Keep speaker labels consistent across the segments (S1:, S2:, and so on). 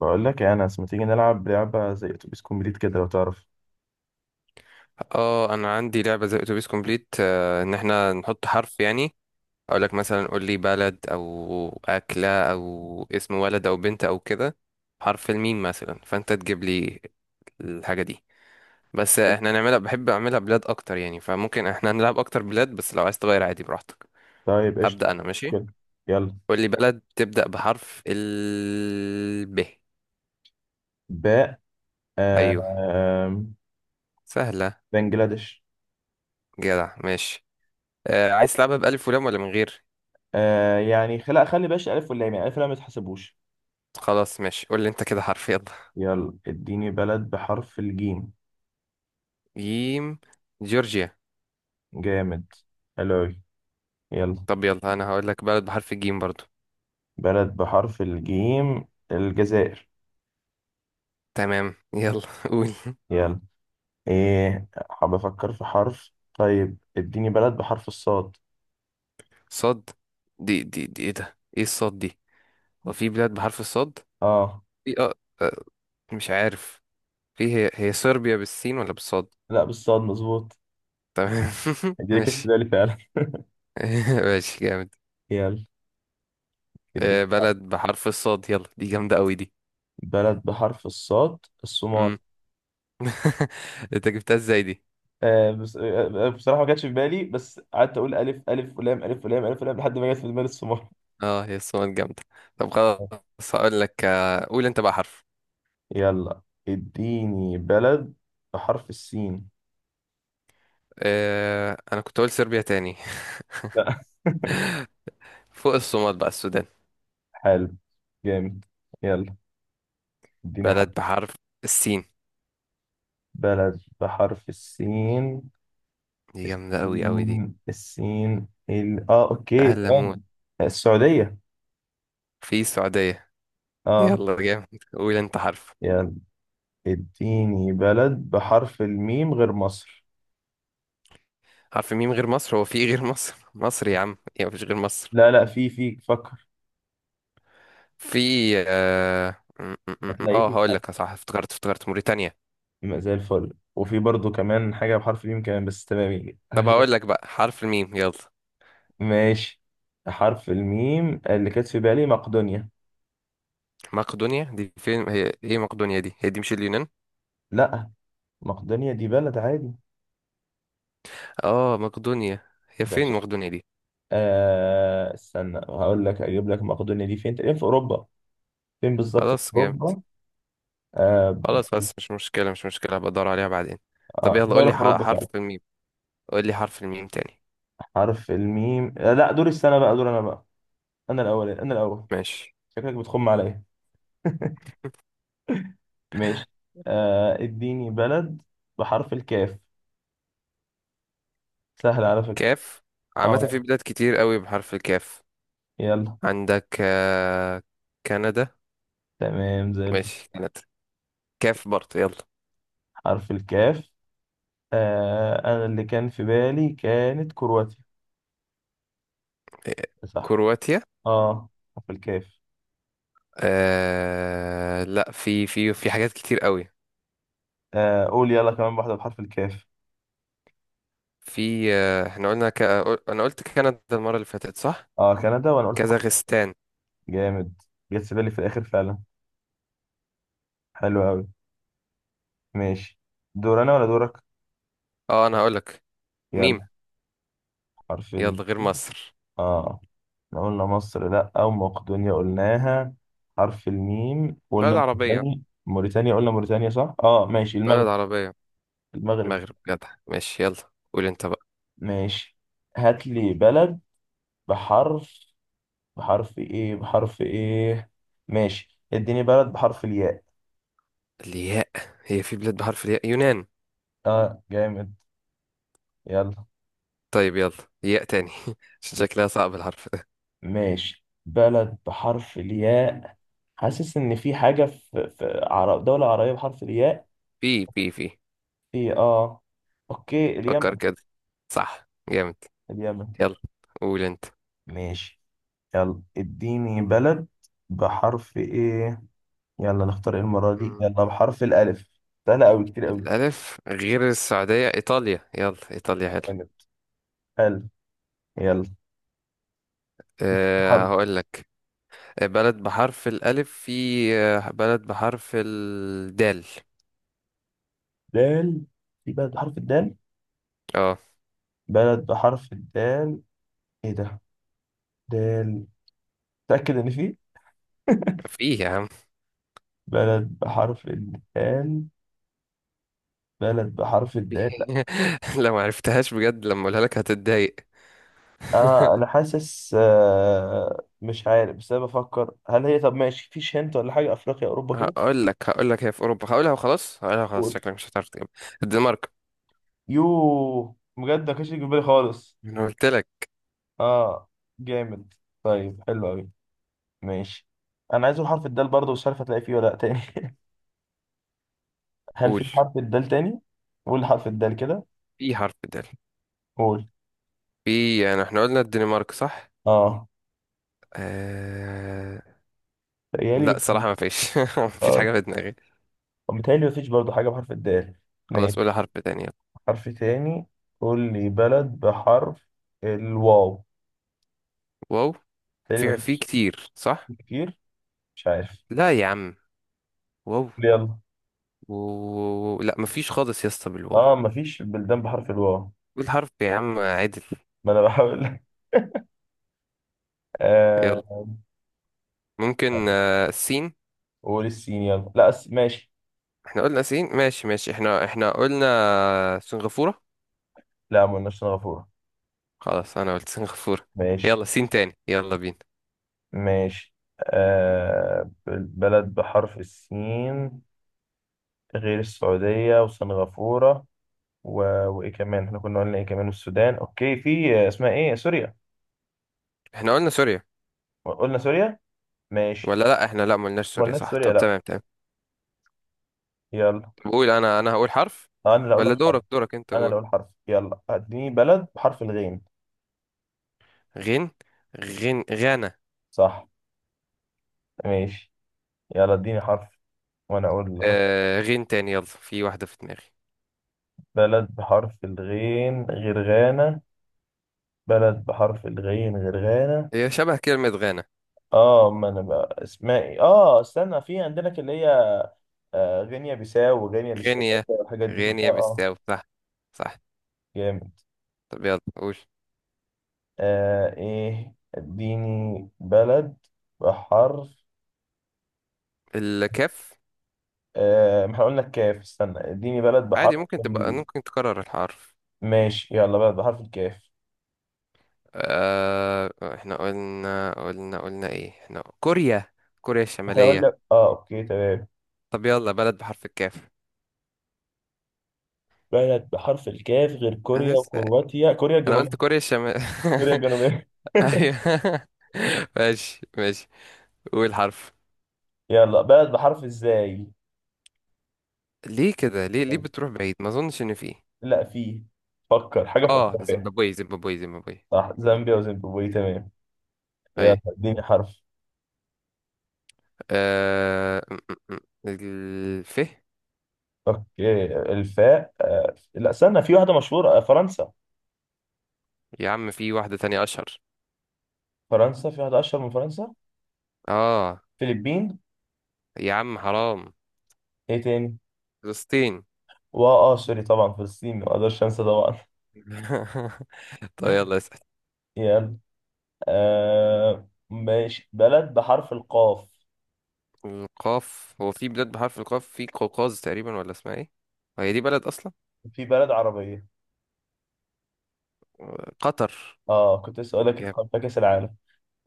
S1: بقول لك يا انس، ما تيجي نلعب لعبه زي اتوبيس كومبليت كده لو تعرف؟
S2: اه انا عندي لعبه زي اتوبيس كومبليت ان احنا نحط حرف يعني اقول لك مثلا. قول لي بلد او اكله او اسم ولد او بنت او كده، حرف الميم مثلا، فانت تجيب لي الحاجه دي. بس احنا نعملها، بحب اعملها بلاد اكتر يعني، فممكن احنا نلعب اكتر بلاد، بس لو عايز تغير عادي براحتك.
S1: طيب، قشطه.
S2: هبدا انا. ماشي.
S1: مشكله. يلا.
S2: قول لي بلد تبدا بحرف ال ب.
S1: باء.
S2: ايوه.
S1: آم،
S2: سهله.
S1: بنجلاديش.
S2: جدع ماشي. عايز تلعبها بالف ولام ولا من غير؟
S1: يعني خلي باش الف واللام، يعني الف واللام ما تحسبوش.
S2: خلاص ماشي. قول لي انت كده حرف، يلا.
S1: يلا اديني بلد بحرف الجيم.
S2: جيم. جورجيا.
S1: جامد. حلو أوي. يلا.
S2: طب يلا، انا هقول لك بلد بحرف الجيم برضو.
S1: بلد بحرف الجيم، الجزائر.
S2: تمام يلا قول.
S1: يلا، ايه، حاب افكر في حرف. طيب اديني بلد بحرف الصاد.
S2: صاد. دي ايه ده، ايه الصاد دي؟ هو في بلاد بحرف الصاد.
S1: اه.
S2: في اه. آه، مش عارف. في، هي صربيا بالسين ولا بالصاد؟
S1: لا، بالصاد مظبوط.
S2: تمام.
S1: اديني، كانت في
S2: ماشي.
S1: بالي فعلا.
S2: ماشي جامد.
S1: يلا اديني
S2: بلد بحرف الصاد، يلا، دي جامدة قوي دي.
S1: بلد بحرف الصاد. الصومال.
S2: مم. انت جبتها ازاي دي؟
S1: بس، بصراحة ما جاتش في بالي، بس قعدت أقول ألف ألف ولام ألف ولام ألف ولام لحد ما جت في دماغي الصومال.
S2: اه هي الصومال جامدة. طب خلاص هقول لك، قول انت بقى حرف.
S1: يلا اديني بلد بحرف السين.
S2: انا كنت اقول صربيا تاني.
S1: لا.
S2: فوق الصومال بقى السودان.
S1: حلو، جامد. يلا اديني حرف.
S2: بلد بحرف السين.
S1: بلد بحرف السين.
S2: دي جامدة أوي أوي دي.
S1: السين اه، اوكي،
S2: فهل
S1: ثواني.
S2: أموت.
S1: السعودية.
S2: في السعودية.
S1: اه.
S2: يلا جامد. قول أنت حرف.
S1: يلا اديني بلد بحرف الميم غير مصر.
S2: حرف ميم غير مصر، هو في إيه غير مصر؟ مصر يا عم، يا مفيش غير مصر.
S1: لا لا، في فكر،
S2: في
S1: هتلاقي فيه
S2: هقول
S1: حاجة.
S2: لك صح، افتكرت موريتانيا.
S1: يبقى زي الفل، وفي برضو كمان حاجة بحرف الميم كمان، بس تمام يجي.
S2: طب هقول لك بقى حرف الميم يلا.
S1: ماشي. حرف الميم اللي كانت في بالي مقدونيا.
S2: مقدونيا دي فين؟ هي ايه مقدونيا دي؟ هي دي مش اليونان؟
S1: لا، مقدونيا دي بلد عادي.
S2: اه مقدونيا هي
S1: ده ش...
S2: فين مقدونيا دي؟
S1: آه استنى، هقول لك، اجيب لك مقدونيا دي فين. تقريبا في اوروبا. فين بالظبط في
S2: خلاص جامد.
S1: اوروبا؟ آه.
S2: خلاص بس مش مشكلة مش مشكلة، هبقى ادور عليها بعدين. طب
S1: آه،
S2: يلا قول
S1: دولة
S2: لي
S1: في اوروبا فعلا.
S2: حرف الميم. قول لي حرف الميم تاني.
S1: حرف الميم، لا، دور السنة بقى، دور انا بقى. انا الاول، انا الاول.
S2: ماشي.
S1: شكلك بتخم عليا. ماشي. آه، اديني بلد بحرف الكاف. سهل على فكرة.
S2: كاف. عامة في
S1: اه،
S2: بلاد كتير قوي بحرف الكاف.
S1: يلا.
S2: عندك كندا.
S1: تمام زي الفل.
S2: ماشي كندا. كاف برضه يلا.
S1: حرف الكاف. آه، انا اللي كان في بالي كانت كرواتيا.
S2: آه،
S1: صح.
S2: كرواتيا.
S1: اه. حرف الكاف.
S2: لا، في حاجات كتير قوي.
S1: آه قول يلا كمان واحدة بحرف الكاف.
S2: في احنا قلنا انا قلت كندا المرة اللي فاتت صح.
S1: اه، كندا، وانا قلت كرواتيا.
S2: كازاخستان.
S1: جامد. جت في بالي في الاخر فعلا. حلو قوي. ماشي. دور انا ولا دورك؟
S2: اه انا هقولك. ميم.
S1: يلا. حرف ال...
S2: يلا غير مصر.
S1: اه، احنا قلنا مصر، لا. او مقدونيا قلناها. حرف الميم،
S2: بلد
S1: قلنا
S2: عربية.
S1: موريتانيا. موريتانيا قلنا موريتانيا، صح. اه، ماشي،
S2: بلد
S1: المغرب.
S2: عربية.
S1: المغرب.
S2: المغرب جدع ماشي، يلا قول انت بقى.
S1: ماشي. هات لي بلد بحرف، بحرف ايه، بحرف ايه. ماشي اديني بلد بحرف الياء.
S2: الياء. هي في بلاد بحرف الياء، يونان.
S1: اه، جامد. يلا.
S2: طيب يلا. ياء تاني. عشان شكلها صعب الحرف ده.
S1: ماشي، بلد بحرف الياء. حاسس ان في حاجة في دولة عربية بحرف الياء.
S2: بي
S1: في، اه. اوكي،
S2: فكر
S1: اليمن.
S2: كده، صح جامد.
S1: اليمن.
S2: يلا. قول انت.
S1: ماشي. يلا اديني بلد بحرف ايه. يلا نختار ايه المرة دي.
S2: مم.
S1: يلا بحرف الالف. سهلة اوي، كتير اوي.
S2: الألف غير السعودية، إيطاليا، يلا إيطاليا حلو.
S1: جامد. الف. يلا. بحرف.
S2: هقول لك بلد بحرف الألف. في بلد بحرف الدال.
S1: دال. في بلد بحرف الدال.
S2: اه.
S1: بلد بحرف الدال، ايه ده. دال. تأكد ان فيه.
S2: في يا عم.
S1: بلد بحرف الدال. بلد بحرف الدال، لا.
S2: في. لو ما عرفتهاش بجد لما اقولها لك هتتضايق.
S1: انا حاسس، مش عارف، بس انا بفكر هل هي، طب ماشي فيش هنت ولا حاجة، افريقيا، اوروبا كده.
S2: هقول لك هي في أوروبا، هقولها وخلاص، هقولها وخلاص،
S1: قول.
S2: شكلك مش هتعرف تجيبها. الدنمارك.
S1: يوه، بجد ما كانش يجي في بالي خالص.
S2: انا قلت لك.
S1: اه، جامد. طيب، حلو قوي. ماشي. انا عايز اقول حرف الدال برضه، مش عارف هتلاقي فيه ولا لا تاني. هل
S2: قول.
S1: في حرف الدال تاني؟ قول حرف الدال كده.
S2: في حرف دال.
S1: قول.
S2: في يعني احنا قلنا الدنمارك صح.
S1: اه.
S2: آه... لا
S1: تخيلي.
S2: الصراحة ما فيش ما فيش حاجة في دماغي.
S1: ومتهيألي مفيش برضه حاجة بحرف الدال.
S2: خلاص
S1: ماشي.
S2: قولي حرف تاني.
S1: حرف تاني. قول لي بلد بحرف الواو.
S2: واو.
S1: متهيألي
S2: في
S1: مفيش.
S2: كتير صح.
S1: كتير. مش عارف.
S2: لا يا عم. واو.
S1: يلا.
S2: لا ما فيش خالص يا اسطى بالواو.
S1: اه، مفيش بلدان بحرف الواو.
S2: قول حرف يا عم عدل.
S1: ما انا بحاول.
S2: يلا.
S1: آه.
S2: ممكن السين.
S1: قول السين يلا، لا أس... ماشي.
S2: احنا قلنا سين. ماشي ماشي احنا قلنا سنغافورة.
S1: لا، ما قلناش سنغافورة.
S2: خلاص انا قلت سنغافورة.
S1: ماشي
S2: يلا سين تاني، يلا بينا.
S1: ماشي. آه، بلد بحرف السين غير السعودية وسنغافورة، و... وإيه كمان، احنا كنا قلنا إيه كمان، والسودان، أوكي، في آه، اسمها إيه، سوريا.
S2: احنا قلنا سوريا؟
S1: قلنا سوريا. ماشي.
S2: ولا لا احنا لا ما قلناش سوريا
S1: ولا نفس
S2: صح،
S1: سوريا،
S2: طب
S1: لا.
S2: تمام تمام.
S1: يلا.
S2: بقول انا هقول حرف.
S1: آه، انا اللي اقول
S2: ولا
S1: لك حرف.
S2: دورك؟ دورك انت
S1: انا
S2: قول.
S1: اللي اقول حرف، يلا اديني بلد بحرف الغين.
S2: غين. غين غانا.
S1: صح. ماشي. يلا اديني حرف، وانا اقول لك.
S2: غين تاني يلا، في واحدة في دماغي.
S1: بلد بحرف الغين غير غانا. بلد بحرف الغين غير غانا.
S2: هي شبه كلمة غانا.
S1: اه، ما انا بقى اسمها ايه، اه استنى، في عندنا اللي هي، آه، غينيا بيساو وغينيا الاستفاده
S2: غينيا.
S1: والحاجات دي كلها،
S2: غينيا
S1: اه.
S2: بالساو صح. صح.
S1: جامد.
S2: طب يلا قول.
S1: آه ايه، اديني بلد بحرف،
S2: الكاف.
S1: آه، احنا قلنا الكاف. استنى اديني بلد
S2: عادي،
S1: بحرف
S2: ممكن تكرر الحرف.
S1: ماشي. يلا، بلد بحرف الكاف.
S2: آه. احنا قلنا ايه؟ احنا كوريا، كوريا
S1: احنا
S2: الشمالية.
S1: قلنا، اه، اوكي تمام.
S2: طب يلا بلد بحرف الكاف.
S1: بلد بحرف الكاف غير
S2: انا
S1: كوريا
S2: لسه.
S1: وكرواتيا، كوريا
S2: انا
S1: الجنوبية.
S2: قلت كوريا الشمال.
S1: كوريا الجنوبية.
S2: ايوه ماشي ماشي. قول حرف.
S1: يلا، بلد بحرف ازاي.
S2: ليه كده ليه بتروح بعيد؟ ما اظنش ان في.
S1: لا، فيه. فكر حاجة في
S2: اه
S1: افريقيا.
S2: زيمبابوي زيمبابوي زيمبابوي
S1: صح،
S2: زيمبابوي
S1: زامبيا وزيمبابوي. تمام.
S2: طيب.
S1: يلا اديني حرف.
S2: آه... م- م- م. الف.
S1: اوكي، الفاء. آه، لا استنى، في واحدة مشهورة، آه، فرنسا.
S2: يا عم في واحدة تانية اشهر.
S1: فرنسا، في واحدة اشهر من فرنسا.
S2: اه.
S1: فلبين.
S2: يا عم حرام.
S1: ايه تاني؟
S2: فلسطين.
S1: واه، اه، سوري طبعا، فلسطين ما اقدرش انسى طبعا.
S2: طيب يلا اسأل.
S1: يلا. آه ماشي، بلد بحرف القاف.
S2: القاف، هو في بلاد بحرف القاف؟ في قوقاز تقريبا، ولا اسمها ايه؟ هي دي بلد اصلا.
S1: في بلد عربية.
S2: قطر.
S1: اه كنت لسه اقول لك،
S2: جامد.
S1: اتقابل كأس العالم.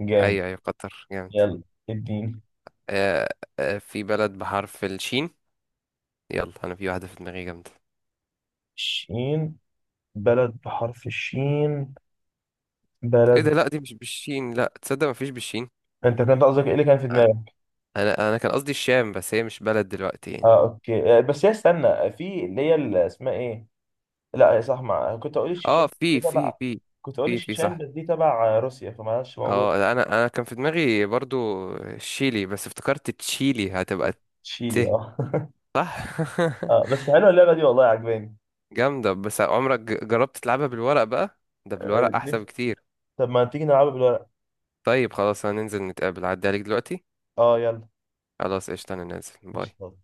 S1: جامد.
S2: ايوه ايوه قطر جامد.
S1: يلا اديني.
S2: آه... في بلد بحرف الشين. يلا انا في واحدة في دماغي جامدة.
S1: شين. بلد بحرف الشين.
S2: ايه ده،
S1: بلد.
S2: لا دي مش بالشين، لا تصدق مفيش بالشين.
S1: انت كنت قصدك ايه اللي كان في دماغك؟
S2: انا كان قصدي الشام، بس هي مش بلد دلوقتي يعني.
S1: اه، اوكي. آه بس هي، استنى، في اللي هي، اللي اسمها ايه. لا يا صح، ما كنت اقول
S2: اه
S1: الشيشان، دي
S2: في في
S1: تبع.
S2: في
S1: كنت اقول
S2: في في
S1: الشيشان،
S2: صح.
S1: بس دي تبع آه، روسيا، فمعلش موجود.
S2: اه لا، انا كان في دماغي برضو الشيلي، بس افتكرت تشيلي هتبقى.
S1: تشيلي،
S2: ت.
S1: اه.
S2: صح.
S1: آه، بس حلوه اللعبه دي، والله عجباني.
S2: جامدة، بس عمرك جربت تلعبها بالورق بقى؟ ده
S1: آه
S2: بالورق احسن
S1: نفسي-
S2: بكتير.
S1: طب ما تيجي نلعبها بالورق.
S2: طيب خلاص هننزل نتقابل عدي عليك دلوقتي.
S1: اه، يلا.
S2: خلاص قشطة، انا نازل، باي.
S1: قشطة.